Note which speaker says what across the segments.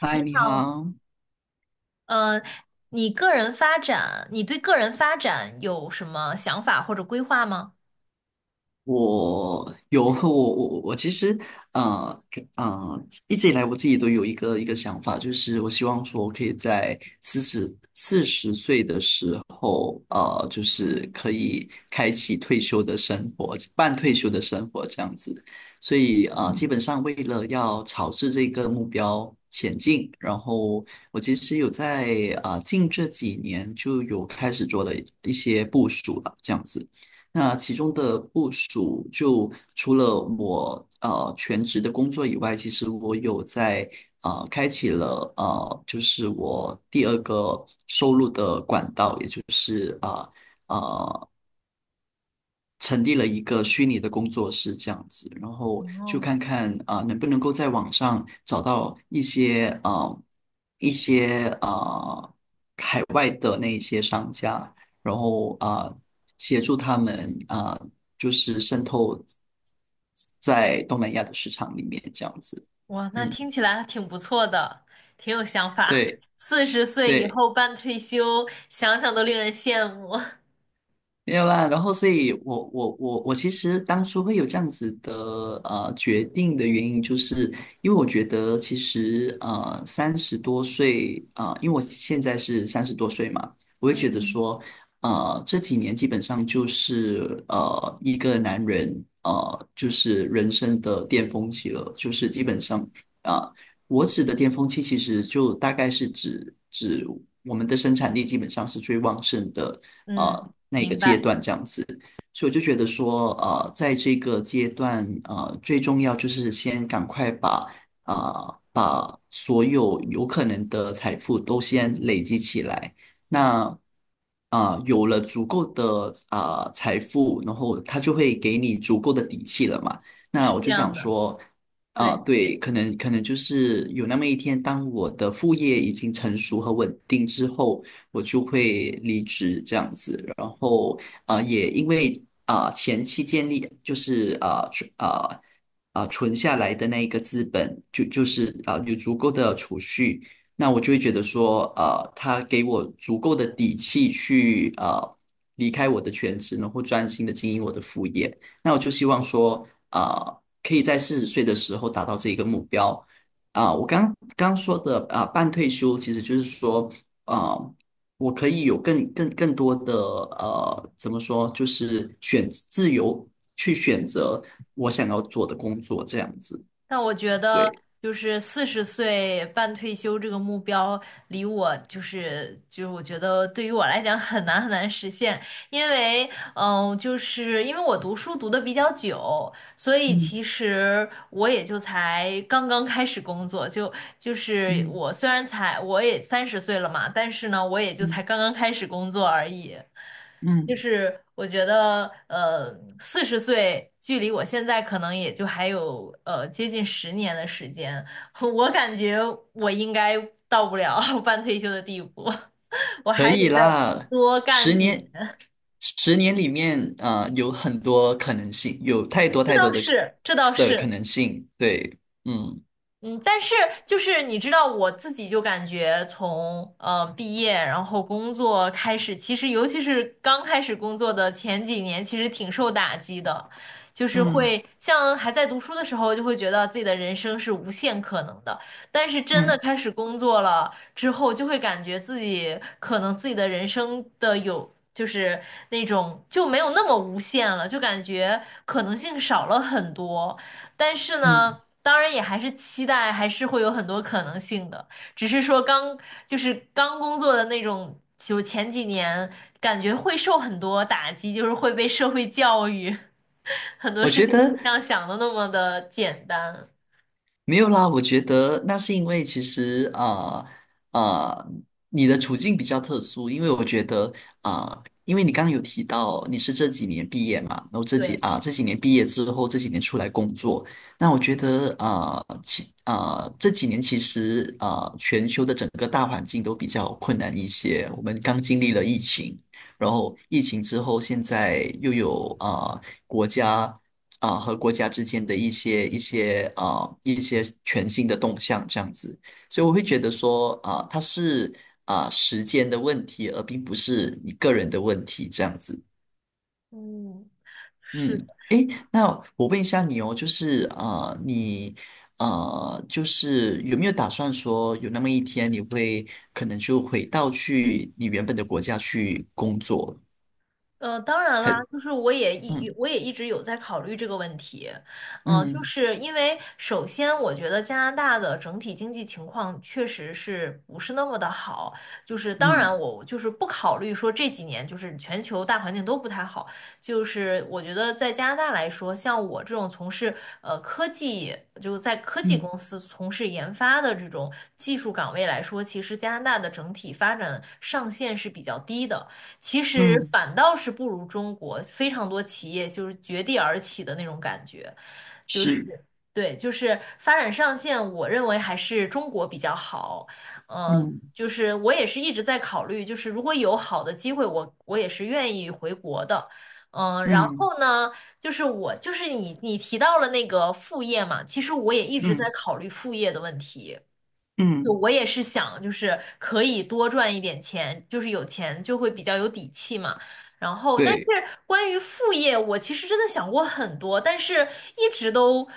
Speaker 1: 嗨，你好。
Speaker 2: 呃，你个人发展，你对个人发展有什么想法或者规划吗？
Speaker 1: 我有和我我我我其实呃一直以来我自己都有一个想法，就是我希望说我可以在四十岁的时候，就是可以开启退休的生活，半退休的生活这样子。所以基本上为了要朝着这个目标前进，然后我其实有在近这几年就有开始做了一些部署了，这样子。那其中的部署，就除了我全职的工作以外，其实我有在开启了就是我第二个收入的管道，也就是呃，呃成立了一个虚拟的工作室这样子，然后就
Speaker 2: 哦，
Speaker 1: 看看能不能够在网上找到一些外的那一些商家，然后协助他们就是渗透在东南亚的市场里面这样子。
Speaker 2: 哇，那
Speaker 1: 嗯，
Speaker 2: 听起来挺不错的，挺有想法。
Speaker 1: 对
Speaker 2: 四十岁以
Speaker 1: 对。
Speaker 2: 后半退休，想想都令人羡慕。
Speaker 1: 没有啦，然后所以我，我其实当初会有这样子的决定的原因，就是因为我觉得其实三十多岁因为我现在是三十多岁嘛，我会觉得
Speaker 2: 嗯，
Speaker 1: 说这几年基本上就是一个男人就是人生的巅峰期了，就是基本上啊我指的巅峰期，其实就大概是指我们的生产力基本上是最旺盛的
Speaker 2: 嗯。
Speaker 1: 那个
Speaker 2: 明
Speaker 1: 阶
Speaker 2: 白。
Speaker 1: 段这样子。所以我就觉得说，在这个阶段，最重要就是先赶快把把所有有可能的财富都先累积起来。那有了足够的财富，然后他就会给你足够的底气了嘛。那
Speaker 2: 是
Speaker 1: 我
Speaker 2: 这
Speaker 1: 就
Speaker 2: 样
Speaker 1: 想
Speaker 2: 的。
Speaker 1: 说，
Speaker 2: 对。
Speaker 1: 对，可能就是有那么一天，当我的副业已经成熟和稳定之后，我就会离职这样子。然后也因为前期建立就是存下来的那一个资本，就是有足够的储蓄，那我就会觉得说他给我足够的底气去离开我的全职，然后专心的经营我的副业。那我就希望说，可以在四十岁的时候达到这一个目标。我刚刚说的半退休其实就是说，啊、我可以有更多的怎么说，就是选自由去选择我想要做的工作，这样子，
Speaker 2: 但我觉得，
Speaker 1: 对，
Speaker 2: 就是四十岁半退休这个目标，离我就是我觉得对于我来讲很难很难实现，因为就是因为我读书读的比较久，所以
Speaker 1: 嗯
Speaker 2: 其实我也就才刚刚开始工作，就是
Speaker 1: 嗯
Speaker 2: 我虽然才我也三十岁了嘛，但是呢，我也就才
Speaker 1: 嗯
Speaker 2: 刚刚开始工作而已。就
Speaker 1: 嗯，
Speaker 2: 是我觉得，四十岁距离我现在可能也就还有接近十年的时间，我感觉我应该到不了 半退休的地步，我
Speaker 1: 可
Speaker 2: 还得
Speaker 1: 以
Speaker 2: 再
Speaker 1: 啦。
Speaker 2: 多
Speaker 1: 十
Speaker 2: 干几
Speaker 1: 年，
Speaker 2: 年。
Speaker 1: 十年里面，有很多可能性，有太多
Speaker 2: 这
Speaker 1: 太多
Speaker 2: 倒
Speaker 1: 的
Speaker 2: 是，这倒
Speaker 1: 的可
Speaker 2: 是。
Speaker 1: 能性，对，嗯。
Speaker 2: 嗯，但是就是你知道，我自己就感觉从毕业，然后工作开始，其实尤其是刚开始工作的前几年，其实挺受打击的，就是
Speaker 1: 嗯
Speaker 2: 会像还在读书的时候，就会觉得自己的人生是无限可能的，但是真的
Speaker 1: 嗯
Speaker 2: 开始工作了之后，就会感觉自己可能自己的人生的有。就是那种就没有那么无限了，就感觉可能性少了很多。但是
Speaker 1: 嗯
Speaker 2: 呢，当然也还是期待，还是会有很多可能性的。只是说刚就是刚工作的那种，就前几年感觉会受很多打击，就是会被社会教育，很多
Speaker 1: 我
Speaker 2: 事
Speaker 1: 觉
Speaker 2: 情不
Speaker 1: 得，
Speaker 2: 像想的那么的简单。
Speaker 1: 没有啦，我觉得那是因为其实啊，你的处境比较特殊，因为我觉得因为你刚刚有提到你是这几年毕业嘛，然后
Speaker 2: 对。
Speaker 1: 这几年毕业之后，这几年出来工作，那我觉得啊其啊这几年其实全球的整个大环境都比较困难一些，我们刚经历了疫情，然后疫情之后现在又有国家。和国家之间的一些一些全新的动向这样子，所以我会觉得说它是时间的问题，而并不是你个人的问题这样子。
Speaker 2: 嗯。
Speaker 1: 嗯，
Speaker 2: 是。
Speaker 1: 诶，那我问一下你哦，就是你就是有没有打算说有那么一天你会可能就回到去你原本的国家去工作？
Speaker 2: 当然啦，
Speaker 1: 很。
Speaker 2: 就是
Speaker 1: 嗯
Speaker 2: 我也一直有在考虑这个问题，就
Speaker 1: 嗯
Speaker 2: 是因为首先我觉得加拿大的整体经济情况确实是不是那么的好，就是当
Speaker 1: 嗯
Speaker 2: 然我就是不考虑说这几年就是全球大环境都不太好，就是我觉得在加拿大来说，像我这种从事科技就在科技
Speaker 1: 嗯
Speaker 2: 公司从事研发的这种技术岗位来说，其实加拿大的整体发展上限是比较低的。其实
Speaker 1: 嗯，
Speaker 2: 反倒是不如中国非常多企业就是绝地而起的那种感觉，就是
Speaker 1: 是。
Speaker 2: 对，就是发展上限，我认为还是中国比较好。嗯、
Speaker 1: 嗯
Speaker 2: 就是我也是一直在考虑，就是如果有好的机会，我也是愿意回国的。嗯，然
Speaker 1: 嗯。
Speaker 2: 后呢，我就是你提到了那个副业嘛，其实我也一直在
Speaker 1: 嗯
Speaker 2: 考虑副业的问题。就
Speaker 1: 嗯。
Speaker 2: 我也是想，就是可以多赚一点钱，就是有钱就会比较有底气嘛。然后，但是
Speaker 1: 对，
Speaker 2: 关于副业，我其实真的想过很多，但是一直都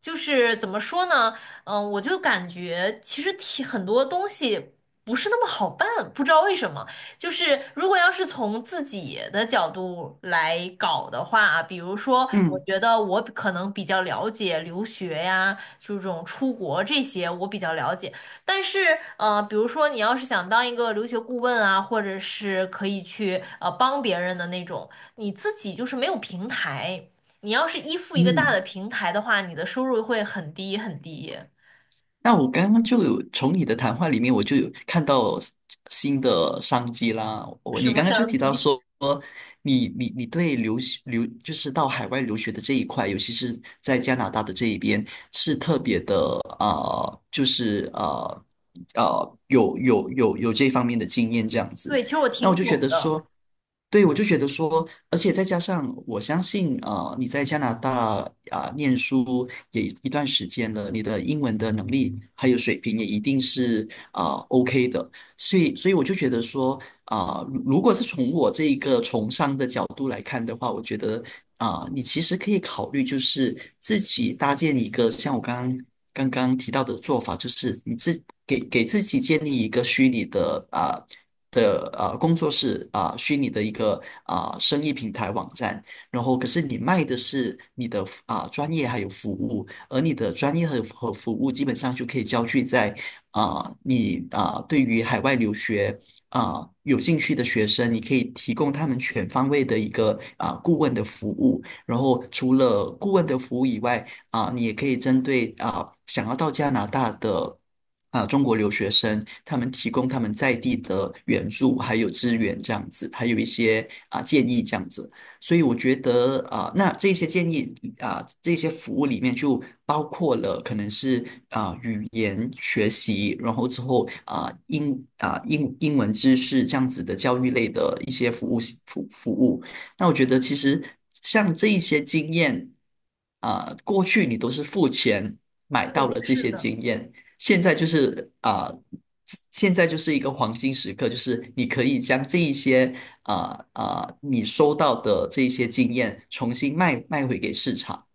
Speaker 2: 就是怎么说呢？嗯，我就感觉其实挺很多东西不是那么好办，不知道为什么。就是如果要是从自己的角度来搞的话，比如说，我
Speaker 1: 嗯。
Speaker 2: 觉得我可能比较了解留学呀，就这种出国这些我比较了解。但是，比如说你要是想当一个留学顾问啊，或者是可以去帮别人的那种，你自己就是没有平台。你要是依附一个大
Speaker 1: 嗯，
Speaker 2: 的平台的话，你的收入会很低很低，
Speaker 1: 那我刚刚就有从你的谈话里面，我就有看到新的商机啦。我
Speaker 2: 什
Speaker 1: 你
Speaker 2: 么
Speaker 1: 刚刚就
Speaker 2: 商
Speaker 1: 提到
Speaker 2: 机。
Speaker 1: 说，你对留学留就是到海外留学的这一块，尤其是在加拿大的这一边，是特别的就是有有这方面的经验这样子。
Speaker 2: 对，其实我
Speaker 1: 那我
Speaker 2: 挺
Speaker 1: 就觉
Speaker 2: 懂
Speaker 1: 得
Speaker 2: 的。
Speaker 1: 说。对，我就觉得说，而且再加上我相信，你在加拿大念书也一段时间了，你的英文的能力还有水平也一定是OK 的，所以，所以我就觉得说，如果是从我这一个从商的角度来看的话，我觉得你其实可以考虑，就是自己搭建一个像我刚刚提到的做法，就是你给自己建立一个虚拟的工作室虚拟的一个生意平台网站，然后可是你卖的是你的专业还有服务，而你的专业和服务基本上就可以焦聚在你对于海外留学有兴趣的学生，你可以提供他们全方位的一个顾问的服务。然后除了顾问的服务以外，你也可以针对想要到加拿大的。中国留学生他们提供他们在地的援助，还有资源这样子，还有一些建议这样子。所以我觉得那这些建议这些服务里面就包括了可能是语言学习，然后之后啊、呃英啊、呃英英文知识这样子的教育类的一些服务。那我觉得其实像这一些经验过去你都是付钱买到
Speaker 2: 对，
Speaker 1: 了这
Speaker 2: 是
Speaker 1: 些
Speaker 2: 的。
Speaker 1: 经验。现在就是现在就是一个黄金时刻，就是你可以将这一些啊你收到的这一些经验重新卖回给市场。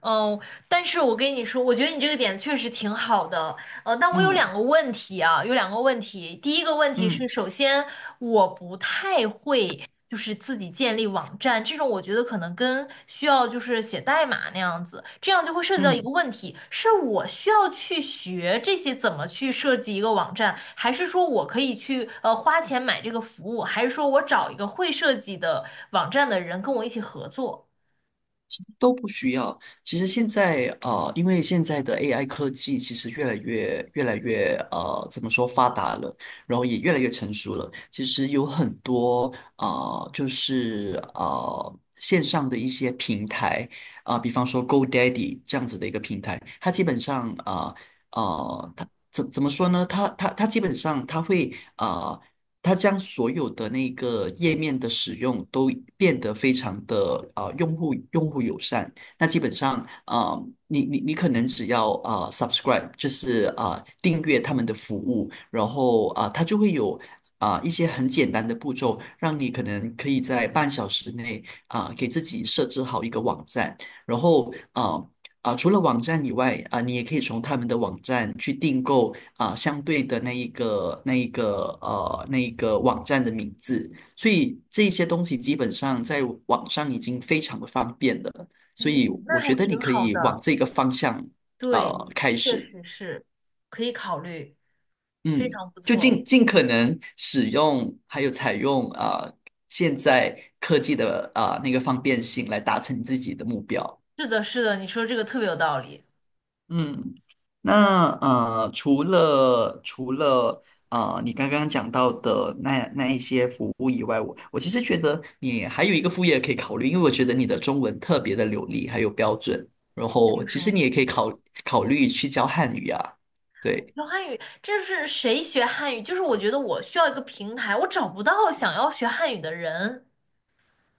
Speaker 2: 嗯，但是我跟你说，我觉得你这个点确实挺好的，但我有
Speaker 1: 嗯
Speaker 2: 两个问题啊，有两个问题。第一个问题是，
Speaker 1: 嗯
Speaker 2: 首先我不太会，就是自己建立网站这种，我觉得可能跟需要就是写代码那样子，这样就会涉及到一个
Speaker 1: 嗯。
Speaker 2: 问题，是我需要去学这些怎么去设计一个网站，还是说我可以去花钱买这个服务，还是说我找一个会设计的网站的人跟我一起合作？
Speaker 1: 都不需要。其实现在因为现在的 AI 科技其实越来越怎么说发达了，然后也越来越成熟了。其实有很多就是线上的一些平台比方说 GoDaddy 这样子的一个平台，它基本上啊。它怎么说呢？它基本上它会。它将所有的那个页面的使用都变得非常的用户友善。那基本上啊，你可能只要subscribe，就是订阅他们的服务，然后它就会有。一些很简单的步骤，让你可能可以在半小时内给自己设置好一个网站，然后除了网站以外你也可以从他们的网站去订购相对的那一个网站的名字，所以这些东西基本上在网上已经非常的方便了，所以
Speaker 2: 嗯，那
Speaker 1: 我
Speaker 2: 还
Speaker 1: 觉得你
Speaker 2: 挺
Speaker 1: 可
Speaker 2: 好
Speaker 1: 以往
Speaker 2: 的。
Speaker 1: 这个方向
Speaker 2: 对，
Speaker 1: 开
Speaker 2: 确
Speaker 1: 始，
Speaker 2: 实是，可以考虑，非
Speaker 1: 嗯，
Speaker 2: 常不
Speaker 1: 就
Speaker 2: 错。
Speaker 1: 尽尽可能使用还有采用现在科技的那个方便性来达成自己的目标。
Speaker 2: 是的，是的，你说这个特别有道理。
Speaker 1: 嗯，那除了你刚刚讲到的那一些服务以外，我其实觉得你还有一个副业可以考虑，因为我觉得你的中文特别的流利，还有标准，然
Speaker 2: 还
Speaker 1: 后
Speaker 2: 有
Speaker 1: 其
Speaker 2: 什
Speaker 1: 实
Speaker 2: 么
Speaker 1: 你也可
Speaker 2: 可
Speaker 1: 以
Speaker 2: 以？
Speaker 1: 考虑去教汉语啊，对。
Speaker 2: 学汉语，这是谁学汉语？就是我觉得我需要一个平台，我找不到想要学汉语的人。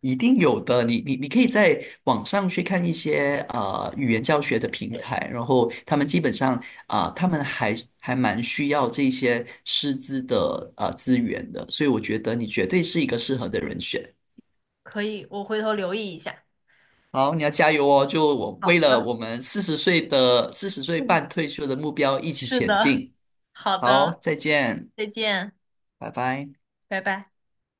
Speaker 1: 一定有的，你可以在网上去看一些语言教学的平台，然后他们基本上他们还蛮需要这些师资的资源的，所以我觉得你绝对是一个适合的人选。
Speaker 2: 可以，我回头留意一下。
Speaker 1: 好，你要加油哦！就我
Speaker 2: 好
Speaker 1: 为了
Speaker 2: 的，
Speaker 1: 我们四十岁的四十岁
Speaker 2: 嗯，
Speaker 1: 半退休的目标一起
Speaker 2: 是
Speaker 1: 前
Speaker 2: 的，
Speaker 1: 进。
Speaker 2: 好
Speaker 1: 好，
Speaker 2: 的，
Speaker 1: 再见，
Speaker 2: 再见，
Speaker 1: 拜拜。
Speaker 2: 拜拜。